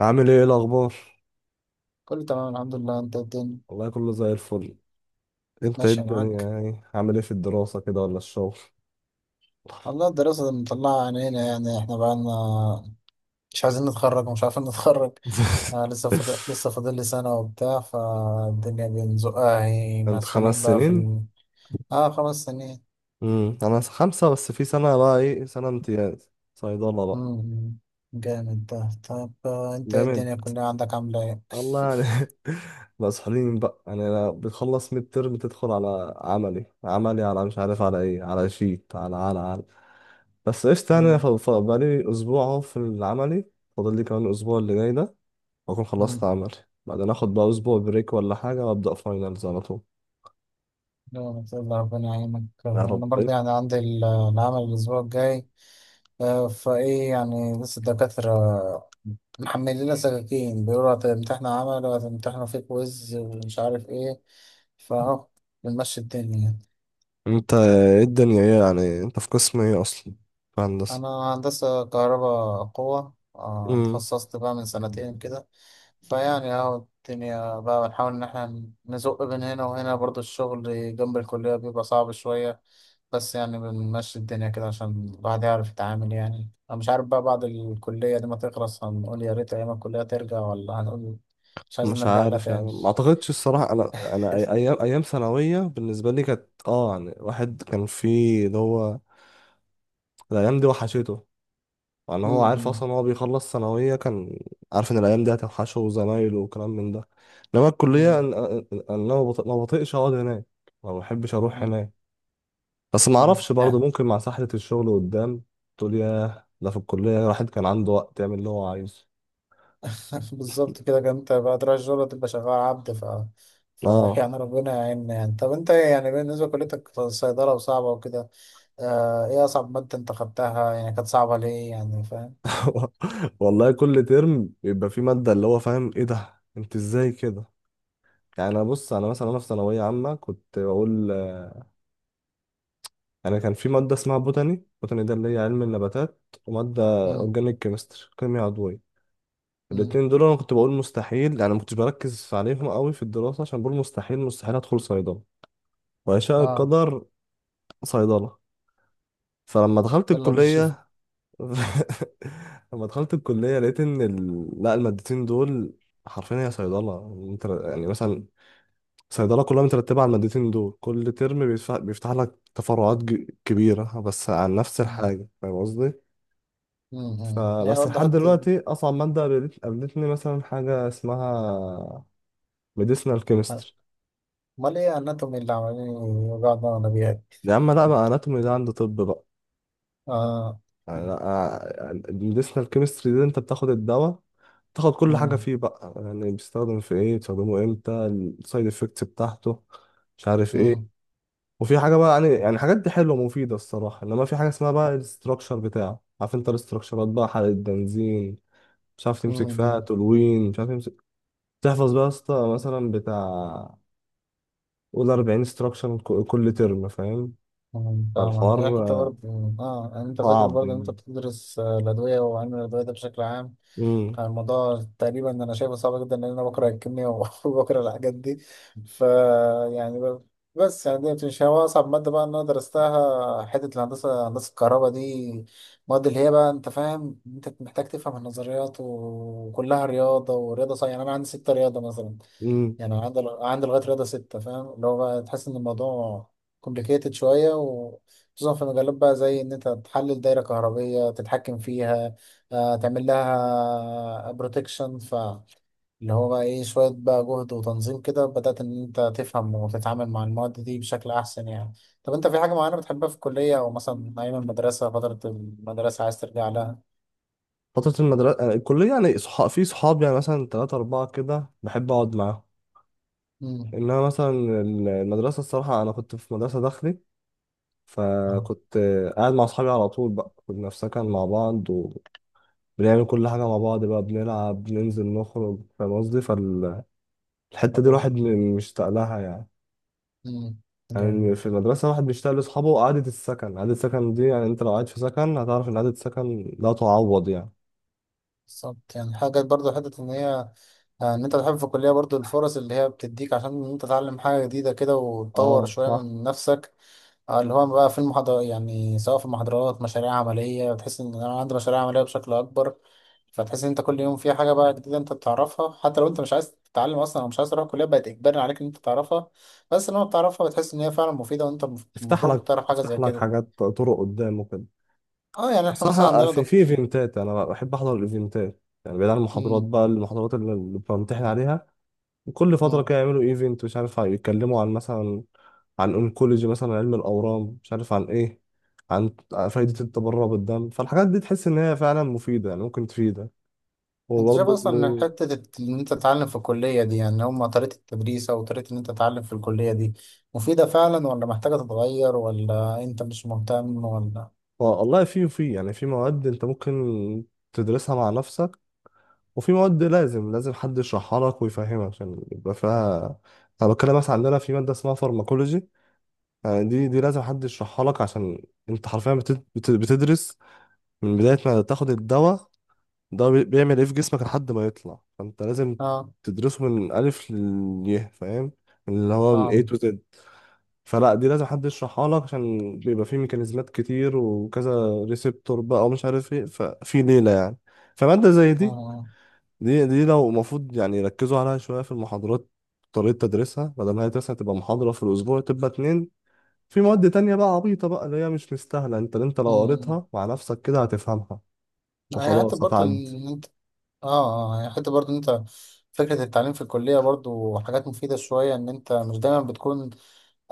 عامل ايه الاخبار؟ كله تمام الحمد لله. انت الدنيا والله كله زي الفل. انت ايه ماشية الدنيا، معاك؟ يعني عامل ايه في الدراسة كده ولا الشغل؟ والله الدراسة اللي مطلعة عينينا، يعني احنا بقالنا مش عايزين نتخرج ومش عارفين نتخرج. آه لسه فاضل لي سنة وبتاع، فالدنيا بنزقها هي، انت خمس مسؤولين بقى في سنين ال... اه 5 سنين. امم، انا 5، بس في سنة بقى ايه، سنة امتياز صيدلة بقى. مم. جامد ده. طب آه، انت ايه جامد. الدنيا كلها عندك عاملة ايه؟ الله يعني. مسحولين بقى، يعني أنا بتخلص ميد ترم تدخل على عملي، عملي، على مش عارف على ايه، على شيت، على بس قشطة يعني. مم. بقالي اسبوع اهو في العملي، فاضل لي كمان الاسبوع اللي جاي ده واكون خلصت مم. عمل، بعدين اخد بقى اسبوع بريك ولا حاجه وابدا فاينلز على طول، لا ما شاء الله ربنا يعينك. يا آه، رب. انا برضه يعني عندي العمل الاسبوع الجاي. آه، فايه يعني لسه الدكاترة محملين لنا سكاكين، بيقولوا هتمتحنوا عمل وهتمتحنوا في كويز ومش عارف ايه، فاهو بنمشي الدنيا يعني. انت ايه الدنيا ايه، يعني انت في قسم ايه اصلا، في هندسه؟ انا هندسة كهرباء قوة. آه، امم. اتخصصت بقى من 2 سنين كده. فيعني اهو الدنيا بقى بنحاول ان احنا نزق بين هنا وهنا، برضو الشغل جنب الكلية بيبقى صعب شوية، بس يعني بنمشي الدنيا كده عشان الواحد يعرف يتعامل. يعني انا مش عارف بقى بعد الكلية دي ما تخلص هنقول يا ريت ايام الكلية ترجع ولا هنقول مش عايزين مش نرجع لها عارف يعني، تاني. ما اعتقدش الصراحه، انا ايام ثانويه بالنسبه لي كانت اه، يعني واحد كان فيه اللي هو الايام دي وحشته، يعني هو عارف مم. اصلا هو بيخلص ثانويه، كان عارف ان الايام دي هتوحشه وزمايله وكلام من ده. انما الكليه مم. أنا ما بطيقش اقعد هناك، ما بحبش اروح مم. هناك، بس ما مم. اعرفش برضه يعني ممكن مع سحلة الشغل قدام تقول ياه ده في الكلية الواحد كان عنده وقت يعمل اللي هو عايزه. بالظبط كده كان. انت بعد راس الجولة تبقى شغال عبد، ف... ف اه. يعني ربنا يعيننا. يعني طب انت يعني بالنسبة لكليتك صيدلة وصعبة وكده، آه ايه أصعب مادة انت خدتها، يعني كانت صعبة ليه يعني، فاهم؟ والله كل ترم يبقى في مادة اللي هو فاهم ايه ده انت ازاي كده، يعني انا بص، انا مثلا في ثانوية عامة كنت بقول آه، انا كان في مادة اسمها بوتاني، بوتاني ده اللي هي علم النباتات، ومادة مم. اورجانيك كيمستري كيمياء عضوية. مم. الاتنين دول انا كنت بقول مستحيل يعني، ما كنتش بركز عليهم قوي في الدراسة عشان بقول مستحيل، مستحيل ادخل صيدلة. ويشاء اه. القدر صيدلة. فلما دخلت يلا بالشفت. الكلية لما دخلت الكلية لقيت إن لا، المادتين دول حرفيا هي صيدلة، انت يعني مثلا صيدلة كلها مترتبة على المادتين دول. كل ترم بيفتح لك تفرعات كبيرة بس عن نفس مم. الحاجة، فاهم قصدي؟ مم. هي فبس لحد وضحت. دلوقتي أصعب مادة قابلتني مثلا حاجة اسمها medicinal chemistry. امال ايه اناتومي اللي عمالين يوجعوا دماغنا بيها دي؟ يا عم لا بقى، anatomy ده عند طب بقى. اه. الميديسنال كيمستري دي انت بتاخد الدواء، تاخد كل حاجة مم. فيه بقى، يعني بيستخدم في ايه، بتستخدمه امتى، السايد افكتس بتاعته، مش عارف ايه. مم. وفي حاجة بقى يعني حاجات دي حلوة مفيدة الصراحة، انما في حاجة اسمها بقى الاستراكشر بتاعه، عارف انت الاستراكشرات بقى، حرق البنزين، مش عارف تمسك فيها مم. تولوين، مش عارف تمسك، تحفظ بقى يا اسطى مثلا بتاع، قول 40 استراكشر كل ترم فاهم. أمم، فاهمك. هي حتة فالحوار برضه اه. يعني انت فاكر صعب برضه ان انت يعني. بتدرس آه، الادوية وعلم الادوية ده بشكل عام. امم. آه، الموضوع تقريبا انا شايفه صعب جدا لان انا بكره الكيمياء وبكره الحاجات دي. ف يعني بس يعني دي مش هو اصعب مادة بقى ان انا درستها. حتة الهندسة، هندسة الكهرباء دي، المواد اللي هي بقى انت فاهم انت محتاج تفهم النظريات، وكلها رياضة ورياضة صحيحة. يعني انا عندي ستة رياضة مثلا. إمم. يعني أنا عندي لغاية رياضة ستة، فاهم اللي هو بقى؟ تحس إن الموضوع كومبليكيتد شوية، وخصوصا في مجالات بقى زي إن أنت تحلل دايرة كهربية تتحكم فيها آه، تعمل لها بروتكشن، فاللي هو بقى إيه شوية بقى جهد وتنظيم، كده بدأت إن أنت تفهم وتتعامل مع المواد دي بشكل أحسن يعني. طب أنت في حاجة معينة بتحبها في الكلية، أو مثلا أيام المدرسة، فترة المدرسة عايز ترجع لها؟ فترة المدرسة آه، الكلية يعني صحاب في صحاب يعني مثلا تلاتة أربعة كده بحب أقعد معاهم. امم. إنما مثلا المدرسة، الصراحة أنا كنت في مدرسة داخلي، اه. فكنت قاعد مع أصحابي على طول بقى، كنا في سكن مع بعض وبنعمل كل حاجة مع بعض بقى، بنلعب بننزل نخرج، فاهم قصدي؟ فالحتة دي حلو ده. الواحد مشتاق لها يعني. امم. يعني في المدرسة الواحد بيشتاق لأصحابه، وقعدة السكن، قعدة السكن دي يعني، أنت لو قاعد في سكن هتعرف إن قعدة السكن لا تعوض يعني. بالظبط، يعني حاجة برضو. حتة إن هي آه، إن أنت تحب في الكلية برضو الفرص اللي هي بتديك عشان إن أنت تتعلم حاجة جديدة كده وتطور اه شوية صح. من نفسك. آه، اللي هو بقى في المحاضرة، يعني سواء في المحاضرات، مشاريع عملية، بتحس إن أنا عندي مشاريع عملية بشكل أكبر. فتحس إن أنت كل يوم في حاجة بقى جديدة أنت بتعرفها. حتى لو أنت مش عايز تتعلم أصلا، أو مش عايز تروح الكلية، بقت إجباري عليك إن أنت تعرفها. بس لما بتعرفها بتحس إن هي فعلا مفيدة، وأنت تفتح المفروض كنت لك تعرف حاجة زي تفتح لك كده. حاجات طرق قدام وكده. أه يعني إحنا مثلا صح، عندنا في دكتور. ايفنتات، انا بحب احضر الايفنتات يعني بعيد عن المحاضرات مم. بقى، المحاضرات اللي بمتحن عليها، كل فتره كده يعملوا ايفنت، مش عارف يتكلموا عن مثلا عن اونكولوجي مثلا علم الاورام، مش عارف عن ايه، عن فايده مم. التبرع بالدم، فالحاجات دي تحس ان هي فعلا مفيده يعني، ممكن تفيدك انت شايف وبرضه. اصلا ان حته ان انت تتعلم في الكليه دي، يعني هم طريقه التدريس، او طريقه ان انت تتعلم في الكليه دي مفيده فعلا، ولا محتاجه تتغير، ولا انت مش مهتم ولا؟ والله في يعني في مواد انت ممكن تدرسها مع نفسك، وفي مواد لازم حد يشرحها لك ويفهمك عشان يبقى فيها. انا بتكلم مثلا عندنا في ماده اسمها فارماكولوجي، يعني دي لازم حد يشرحها لك عشان انت حرفيا بتدرس من بداية ما تاخد الدواء ده بيعمل ايه في جسمك لحد ما يطلع، فانت لازم اه. تدرسه من ألف لليه فاهم، اللي هو من A فاهم. to Z. فلا دي لازم حد يشرحها لك عشان بيبقى فيه ميكانيزمات كتير وكذا ريسبتور بقى، ومش عارف ايه، ففي ليلة يعني. فمادة زي دي، اه. دي لو المفروض يعني يركزوا عليها شوية في المحاضرات، طريقة تدريسها، بدل ما هي مثلا تبقى محاضرة في الأسبوع تبقى اتنين. في مواد تانية بقى عبيطة بقى، اللي هي مش مستاهلة، انت لو امم. قريتها مع نفسك كده هتفهمها هي حته وخلاص برضه هتعدي. ان انت اه هي حته برضه ان انت فكره التعليم في الكليه، برضه حاجات مفيده شويه، ان انت مش دايما بتكون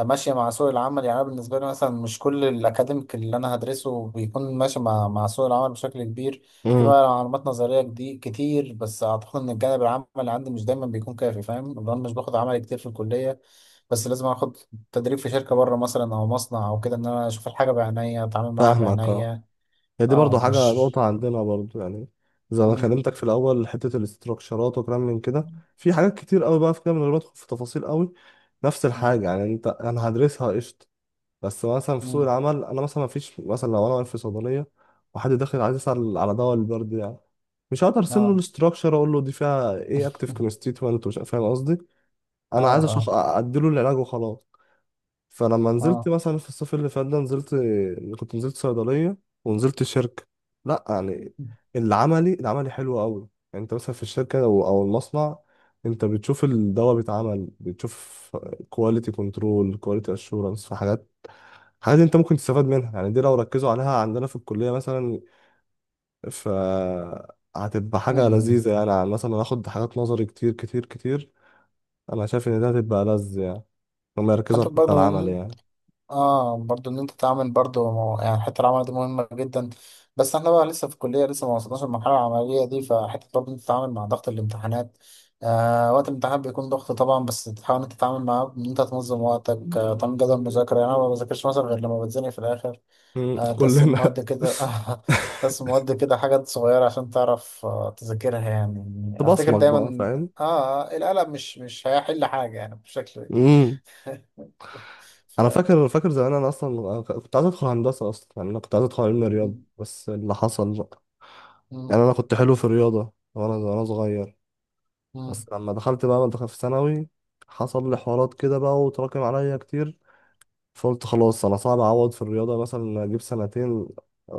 ماشية مع سوق العمل. يعني أنا بالنسبة لي مثلا مش كل الأكاديميك اللي أنا هدرسه بيكون ماشي مع سوق العمل بشكل كبير. في امم. معلومات نظرية كتير، بس أعتقد إن الجانب العملي عندي مش دايما بيكون كافي، فاهم؟ لأن أنا مش باخد عملي كتير في الكلية. بس لازم آخد تدريب في شركة بره مثلا، أو مصنع أو كده، إن أنا أشوف الحاجة بعينيا، أتعامل معاها فاهمك اه، بعينيا. هي دي برضو أه حاجة مش نقطة عندنا برضو يعني. زي ما مم. كلمتك في الأول حتة الاستراكشرات وكلام من كده، في حاجات كتير قوي بقى في كده، من غير ما أدخل في تفاصيل قوي، نفس مم. الحاجة يعني، انا هدرسها قشطة بس مثلا في سوق مم. العمل، انا مثلا مفيش مثلا لو انا واقف في صيدلية وحد داخل عايز يسأل على دواء البرد يعني، مش هقدر ارسم له أه الاستراكشر اقول له دي فيها ايه اكتف كونستيتوينت ومش فاهم قصدي. أه انا عايز اشخ أه اديله العلاج وخلاص. فلما نزلت أه. مثلا في الصيف اللي فات ده نزلت، كنت نزلت صيدليه ونزلت شركه، لا يعني العملي حلو قوي يعني. انت مثلا في الشركه او المصنع، انت بتشوف الدواء بيتعمل، بتشوف كواليتي كنترول كواليتي اشورنس، في حاجات، حاجات انت ممكن تستفاد منها يعني، دي لو ركزوا عليها عندنا في الكليه مثلا، ف هتبقى مم. حاجه مم. لذيذه يعني، عن مثلا هاخد حاجات نظري كتير كتير كتير. انا شايف ان ده هتبقى لذ يعني، هم يركزوا حتى على الحتة العمل برضه يعني. اه، برضو ان انت تعمل برضو يعني حته العمل دي مهمه جدا. بس احنا بقى لسه في الكليه، لسه ما وصلناش للمرحله العمليه دي. فحته برضو إن انت تتعامل مع ضغط الامتحانات، آه وقت الامتحان بيكون ضغط طبعا، بس تحاول انت تتعامل معاه، ان انت تنظم وقتك آه، تعمل جدول مذاكره. يعني انا ما بذاكرش مثلا غير لما بتزنق في الاخر، مم، آه تقسم كلنا. مواد كده تقسم مواد كده، حاجات صغيره عشان تعرف آه تذاكرها يعني. افتكر تبصمك بقى دايما فاهم. اه آه، القلم مش هيحل حاجه يعني بشكل امم. انا ف... فاكر زمان انا اصلا كنت عايز ادخل هندسه اصلا، يعني انا كنت عايز ادخل علم رياضه م- بس اللي حصل بقى، م- يعني انا كنت حلو في الرياضه وانا صغير، بس لما دخلت بقى دخلت في ثانوي، حصل لي حوارات كده بقى وتراكم عليا كتير، فقلت خلاص انا صعب اعوض في الرياضه مثلا، اجيب سنتين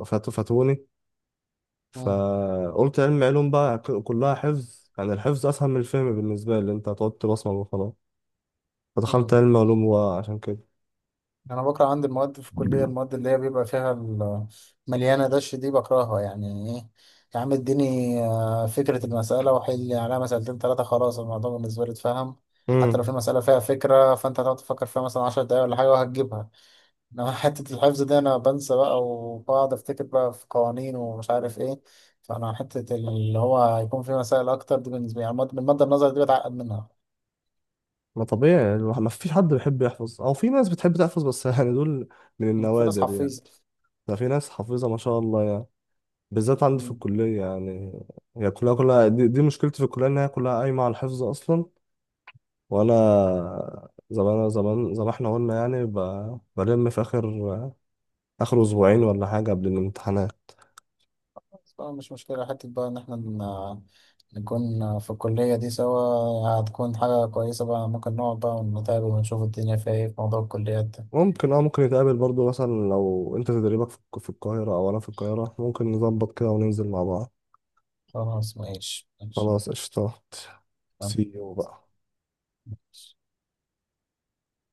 فاتوا فاتوني. مم. فقلت علم علوم بقى، كلها حفظ يعني، الحفظ أسهل من الفهم بالنسبة لي، أنت هتقعد تبصمج وخلاص. فدخلت مم. علم علوم وعشان كده. انا بكره عندي المواد في الكليه، المواد اللي هي بيبقى فيها مليانه دش، دي بكرهها يعني. ايه. يا عم اديني آه، فكره المساله وحل عليها 2 3، خلاص الموضوع بالنسبه لي اتفهم. حتى امم. لو في مساله فيها فكره، فانت هتقعد تفكر فيها مثلا 10 دقايق ولا حاجه وهتجيبها. انما حته الحفظ دي انا بنسى بقى، وبقعد افتكر بقى في قوانين ومش عارف ايه. فانا حته اللي هو هيكون في مسائل اكتر دي بالنسبه لي، يعني المادة النظري دي بتعقد منها. ما طبيعي يعني، ما فيش حد بيحب يحفظ، أو في ناس بتحب تحفظ بس يعني دول من في ناس النوادر يعني. حفيظه. ده في ناس حافظة ما شاء الله يعني، بالذات عندي في الكلية يعني، هي كلها دي مشكلتي في الكلية إن هي كلها قايمة على الحفظ أصلا. وأنا زمان زمان زي ما احنا قلنا يعني، بلم في آخر أسبوعين ولا حاجة قبل الامتحانات. طبعا. مش مشكلة حتة بقى إن إحنا نكون في الكلية دي سوا، هتكون حاجة كويسة بقى. ممكن نقعد بقى ونتقابل ونشوف الدنيا فيها إيه في موضوع الكليات ده. ممكن اه ممكن نتقابل برضو مثلا، لو انت تدريبك في في القاهرة او انا في القاهرة ممكن نظبط كده وننزل مع بعض. خلاص ماشي ماشي. خلاص قشطات، سي يو بقى. تمام.